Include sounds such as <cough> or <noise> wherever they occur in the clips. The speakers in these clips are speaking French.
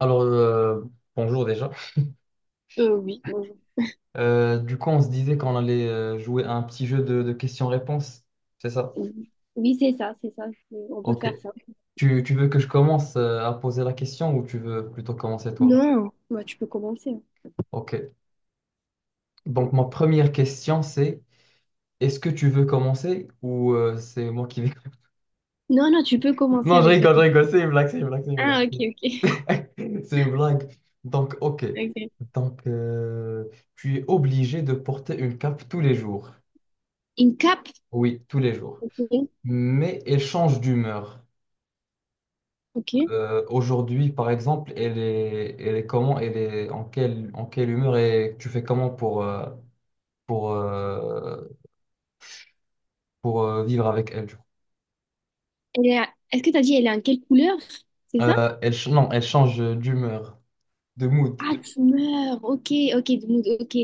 Alors, euh, Bonjour déjà. Oui, Bonjour. Du coup, on se disait qu'on allait jouer à un petit jeu de questions-réponses, c'est ça? Oui, c'est ça, c'est ça. On peut Ok. faire ça. Tu veux que je commence à poser la question ou tu veux plutôt commencer toi? Non, bah, tu peux commencer. Ok. Donc, ma première question, c'est est-ce que tu veux commencer ou c'est moi qui vais... Non, non, tu peux <laughs> commencer Non, avec ta je question. rigole, c'est une blague, c'est une blague, c'est une blague. Ah, ok, ok. <laughs> <laughs> C'est une blague. Donc, ok. Ok. Donc, tu es obligé de porter une cape tous les jours. Une cape, Oui, tous les jours. ok. Mais elle change d'humeur. Ok. Aujourd'hui, par exemple, elle est comment, elle est en quelle humeur et tu fais comment pour, euh, pour vivre avec elle, du coup. Elle est à- Est-ce que tu as dit elle est en quelle couleur? C'est ça? Non, elle change d'humeur, de mood, Ah, tu meurs. Ok, ok, donc, ok.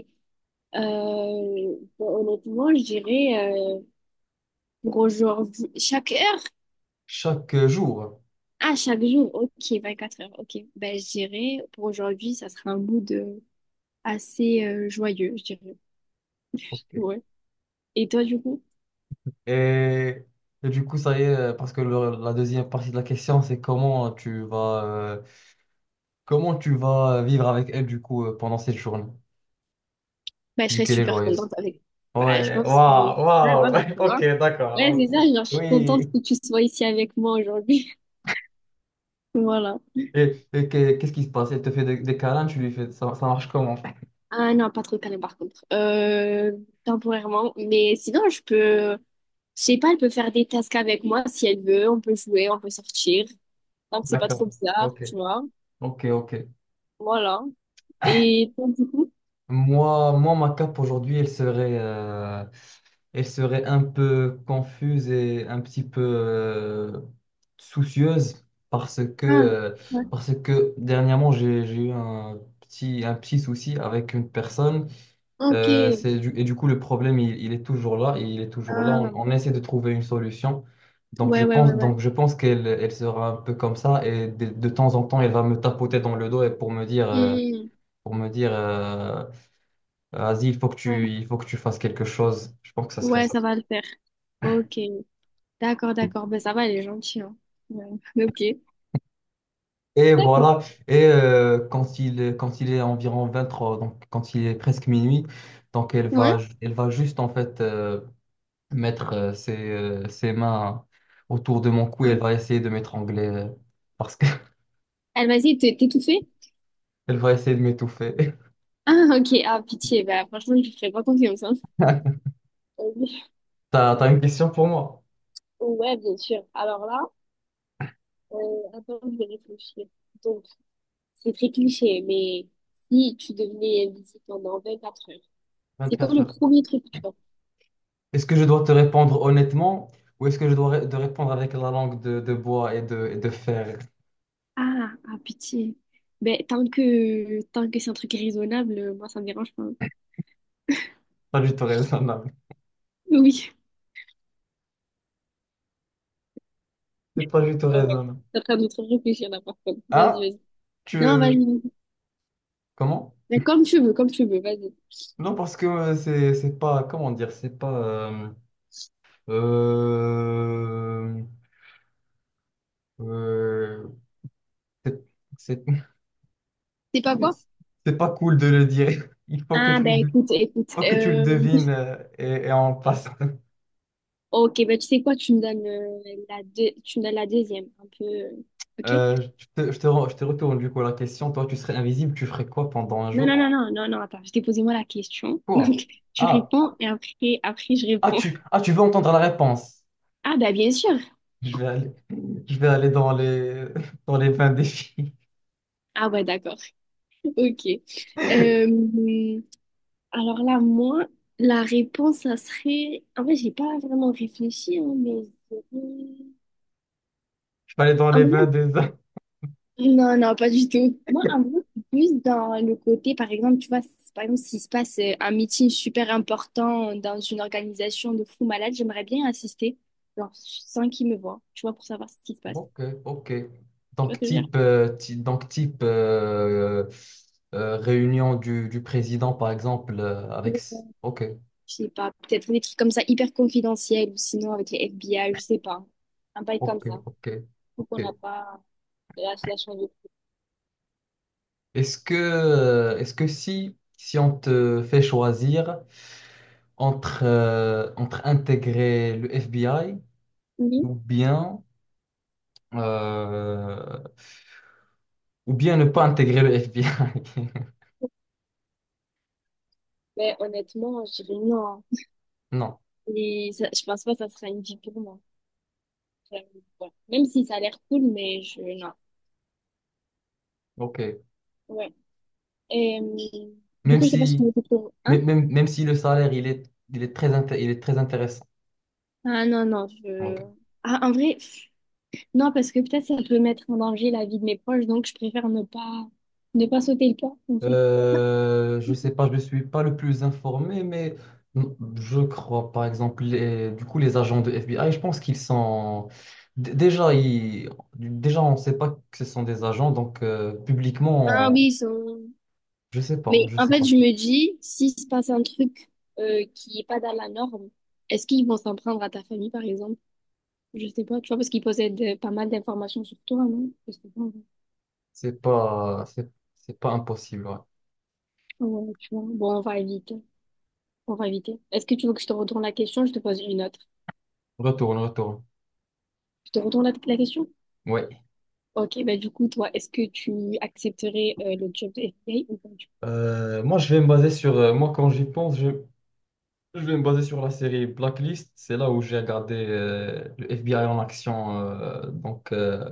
Bah, honnêtement, je dirais pour aujourd'hui, chaque heure? chaque jour. Ah, chaque jour, ok, 24 heures, ok. Ben, je dirais pour aujourd'hui, ça sera un mood assez joyeux, je dirais. Ok. Ouais. Et toi, du coup? Et, et du coup, ça y est, parce que la deuxième partie de la question, c'est comment tu vas vivre avec elle, du coup, pendant cette journée, Bah, je vu serais qu'elle est super joyeuse. contente avec. Bah, je Ouais, pense que. waouh, Ouais, voilà, waouh, <laughs> tu ok, vois. Ouais, c'est d'accord, ça, ok. genre, je suis contente Oui. que tu sois ici avec moi aujourd'hui. <laughs> Voilà. Et qu'est-ce qui se passe? Elle te fait des câlins, tu lui fais... Ça marche comment? Ah non, pas trop calme par contre. Temporairement. Mais sinon, je peux. Je sais pas, elle peut faire des tasks avec moi si elle veut. On peut jouer, on peut sortir. Donc, c'est pas trop D'accord. bizarre, Ok. tu vois. Ok, ok. Voilà. Et toi, du coup? Moi, ma cape aujourd'hui, elle serait un peu confuse et un petit peu soucieuse parce que, Ah, euh, ouais. parce que dernièrement, j'ai eu un petit souci avec une personne. Ok. Et du coup, le problème, il est toujours là, et il est toujours là. On, Ah. on essaie de trouver une solution. Ouais, ouais, ouais, ouais. Donc je pense qu'elle elle sera un peu comme ça, et de temps en temps, elle va me tapoter dans le dos et pour me dire, euh, Hmm. pour me dire, euh, vas-y, il faut que Ouais. tu, il faut que tu fasses quelque chose. Je pense que ça serait Ouais, ça. ça va le faire. Ok. D'accord, d'accord. Ben, ça va, elle est gentille, hein. Ouais. Ok. <laughs> Et D'accord. voilà. Et quand quand il est environ 23, donc quand il est presque minuit, donc elle Ouais. va, elle va juste en fait, mettre ses mains autour de mon cou et elle Hein. va essayer de m'étrangler, parce qu'elle Elle m'a dit, t'es tout fait? <laughs> va essayer de m'étouffer. <laughs> Ah, ok. Ah, pitié. Bah, franchement, je lui ferai pas confiance, hein. Euh, <laughs> T'as une question pour moi? Ouais, bien sûr. Alors là, euh, attends, je vais réfléchir. Donc, c'est très cliché, mais si tu devenais invisible pendant quatre heures, c'est quoi 24 le heures. premier truc que tu vas faire? Est-ce que je dois te répondre honnêtement ou est-ce que je dois te répondre avec la langue de bois et de fer? Ah, ah, pitié. Ben, tant que c'est un truc raisonnable, moi, ça me dérange pas. Pas du tout raisonnable. Oui. C'est pas du tout Ah ouais, raisonnable. t'es en train de trop réfléchir là par contre. Vas-y, Hein? vas-y. Non, Tu... vas-y. Comment? Mais comme tu veux, vas-y. Non, parce que c'est pas... Comment dire? C'est pas... euh, euh, c'est- c'est. C'est pas quoi? C'est pas cool de le dire. Il faut que Ah, ben écoute, écoute. faut que tu le euh, devines, et on passe. Ok, ben tu sais quoi, tu me donnes, la deux... tu me donnes la deuxième, un peu. Euh, ok? Je te retourne du coup la question. Toi, tu serais invisible, tu ferais quoi pendant un Non, non, jour? non, non, non, non, attends, je t'ai posé moi la question. <laughs> Quoi? Donc, tu Ah, réponds et après, je réponds. Tu veux entendre la réponse. Ah, ben bien sûr. Je vais aller, je vais aller dans les vins des filles. Ah, ouais, d'accord. <laughs> Ok. <laughs> Euh, alors là, moi, la réponse, ça serait. En vrai, j'ai pas vraiment réfléchi, hein, mais. je dirais- Je vais aller dans en les vins vrai, des hommes. Non, non, pas du tout. Moi, en gros, c'est plus dans le côté, par exemple, tu vois, par exemple, s'il se passe un meeting super important dans une organisation de fou malade, j'aimerais bien assister, genre, sans qu'ils me voient, tu vois, pour savoir ce qui se passe. Ok, ok. Tu vois Donc ce que je veux dire? type, euh, ti- donc type euh, euh, réunion du président, par exemple, avec... Ou, Ok. je sais pas, peut-être des trucs comme ça, hyper confidentiels, ou sinon avec les FBI, je sais pas. Un bail comme Ok, ça. ok, Faut qu'on n'a ok. pas la, la chance de... Est-ce que si on te fait choisir entre intégrer le FBI Oui, ou bien, euh, ou bien ne pas intégrer le FBI? <laughs> mais honnêtement, je dirais non. Non, Je pense pas que ça sera une vie pour moi. J'avoue, ouais. Même si ça a l'air cool, mais je... non. ok. Ouais. Et, du Même coup, je sais pas si si, on écoute le un. même si le salaire, il est très intéressant. Ah non, non, je... Ok. Ah, en vrai, pff, non, parce que peut-être ça peut mettre en danger la vie de mes proches, donc je préfère ne pas sauter le pas, en fait. Je sais pas, je ne suis pas le plus informé, mais je crois, par exemple, du coup, les agents de FBI, je pense qu'ils sont... Déjà, on ne sait pas que ce sont des agents, donc Ah publiquement, oui, ils sont... je sais pas, Mais je en sais fait, pas. je me dis, s'il se passe un truc qui est pas dans la norme, est-ce qu'ils vont s'en prendre à ta famille, par exemple? Je sais pas, tu vois, parce qu'ils possèdent pas mal d'informations sur toi, non? Je sais pas, ouais. C'est pas impossible, ouais. Ouais, tu vois. Bon, on va éviter. On va éviter. Est-ce que tu veux que je te retourne la question? Je te pose une autre. Retourne, retourne. Je te retourne la question? Oui. Ok, bah du coup, toi, est-ce que tu accepterais le job de FBA ou pas du coup? Moi, je vais me baser sur... moi, quand j'y pense, je vais me baser sur la série Blacklist. C'est là où j'ai regardé le FBI en action.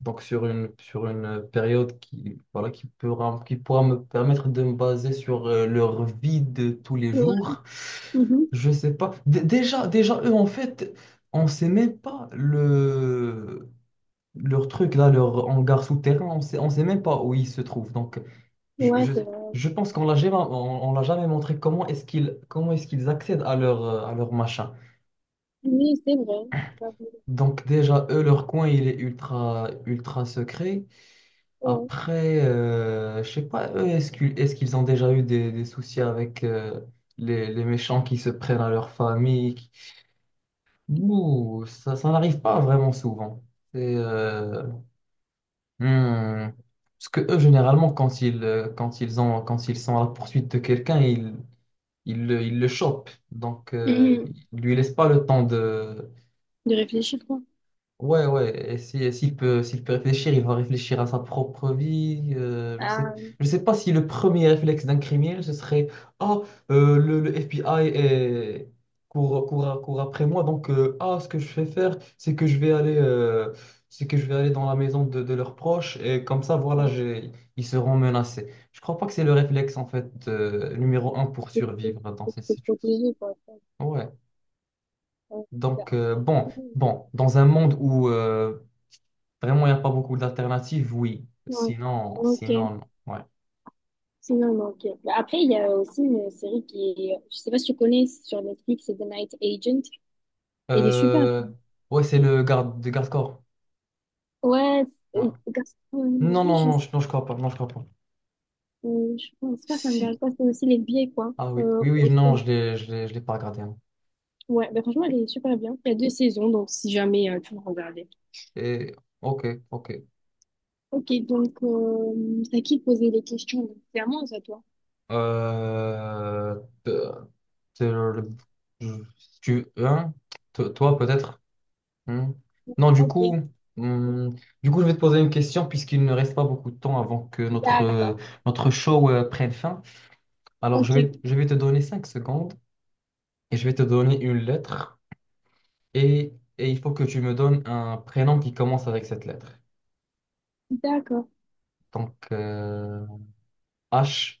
Donc sur une période qui, voilà, qui pourra me permettre de me baser sur leur vie de tous les Ouais, jours, mhm. je sais pas. Déjà, eux, en fait, on sait même pas leur truc, là, leur hangar souterrain, on sait même pas où ils se trouvent. Donc je, Ouais, je, c'est vrai. je pense qu'on l'a jamais montré comment est-ce qu'ils accèdent à leur machin. Oui, c'est vrai. J'avoue. Donc déjà, eux, leur coin, il est ultra, ultra secret. Ouais. Après, je sais pas, eux, est-ce qu'ils ont déjà eu des soucis avec les méchants qui se prennent à leur famille? Ouh, ça n'arrive pas vraiment souvent. C'est... hmm, Parce que eux, généralement, quand ils ont, quand ils sont à la poursuite de quelqu'un, ils le chopent. Donc, Coup? Mhm. ils lui laissent pas le temps de. De réfléchir, quoi. Ouais, ouais, et si, et s'il peut réfléchir, il va réfléchir à sa propre vie. Ah, Je sais pas si le premier réflexe d'un criminel, ce serait. Ah, le FBI court, court, court après moi, donc ah, ce que je vais faire, c'est que je vais aller dans la maison de leurs proches, et comme ça, voilà, ouais, ils seront menacés. Je crois pas que c'est le réflexe, en fait, numéro un pour faut se survivre dans faut cette se situation. protéger, quoi. Ouais, Ouais, c'est. donc bon, bon, dans un monde où vraiment, il n'y a pas beaucoup d'alternatives, oui. Ouais. Sinon, Ok. sinon, non. Ouais. Sinon, non, ok. Bah, après, il y a aussi une série qui est, je sais pas si tu connais, c'est sur Netflix, c'est The Night Agent. Elle est super. Euh, ouais, c'est le garde de garde-corps. Ouais, c'est- Ouais. Non, gastronomie, non, je non, sais. Non, je crois pas. Non, je crois pas. Je pense pas, ça engage Si. pas. C'est aussi les vieilles, quoi. Ah oui, oui, oui, non, Aussi. Je l'ai pas regardé, hein. Ouais, bah franchement, elle est super bien. Il y a deux saisons, donc si jamais tu veux regarder. Et, ok, ok. Ok, donc c'est à qui de poser les questions? Donc, c'est à moi ou c'est à toi? Euh, te- te- le- Si tu, hein, toi, peut-être. hmm. Non, Ok, hmm, du coup, je vais te poser une question puisqu'il ne reste pas beaucoup de temps avant que notre, euh, d'accord. notre show, prenne fin. Alors, je Ok, vais, je vais te donner 5 secondes et je vais te donner une lettre et il faut que tu me donnes un prénom qui commence avec cette lettre. d'accord. Donc, H.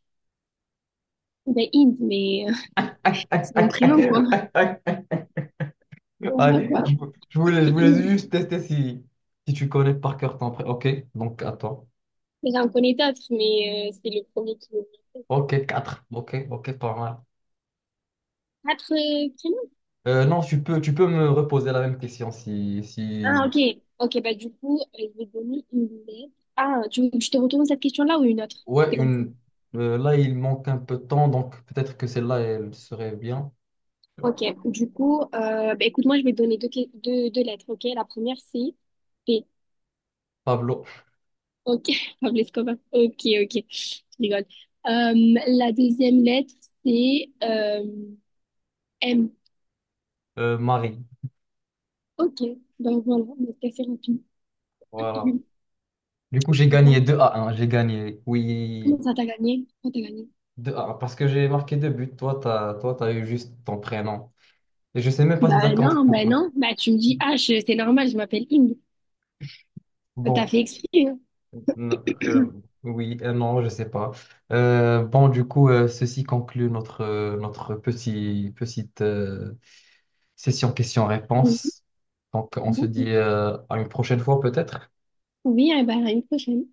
Ben, Inde, mais <laughs> c'est mon <laughs> prénom, quoi. Voilà, Allez, quoi. Je voulais juste tester si tu connais par cœur ton prénom. Ok, donc à toi. J'en connais d'autres, mais c'est le premier qui me vient. Ok, quatre. Ok, ok, pas mal. Quatre prénoms? Non, tu peux me reposer la même question si, Ah, si... ok. Ok, bah du coup, je vais donner une lettre. Ah, tu veux que je te retourne cette question-là ou une autre? Ouais, C'est comme ça. une... là, il manque un peu de temps, donc peut-être que celle-là, elle serait bien. Ok, du coup, bah, écoute, moi je vais te donner deux lettres, ok? La première c'est P, Pablo, ok? <laughs> Pablo Escobar, ok, ok, je rigole. La deuxième lettre c'est M, Marie. ok, ben voilà, mais c'est assez rapide. Voilà. <laughs> Du coup, j'ai Bah, gagné 2-1. J'ai gagné, oui, comment ça t'as gagné? Comment t'as gagné? deux à 1. Parce que j'ai marqué deux buts. Toi, t'as eu juste ton prénom. Et je sais même pas si ça Bah compte non, bah pour un. non, bah tu me dis H, c'est normal, je m'appelle Inde. T'as Bon, fait exprès, hein? n- euh, oui, non, je sais pas. Bon, du coup, ceci conclut notre petite session Oui, questions-réponses. Donc, on se d'accord. dit à une prochaine fois, peut-être. Oui, eh ben, à une prochaine.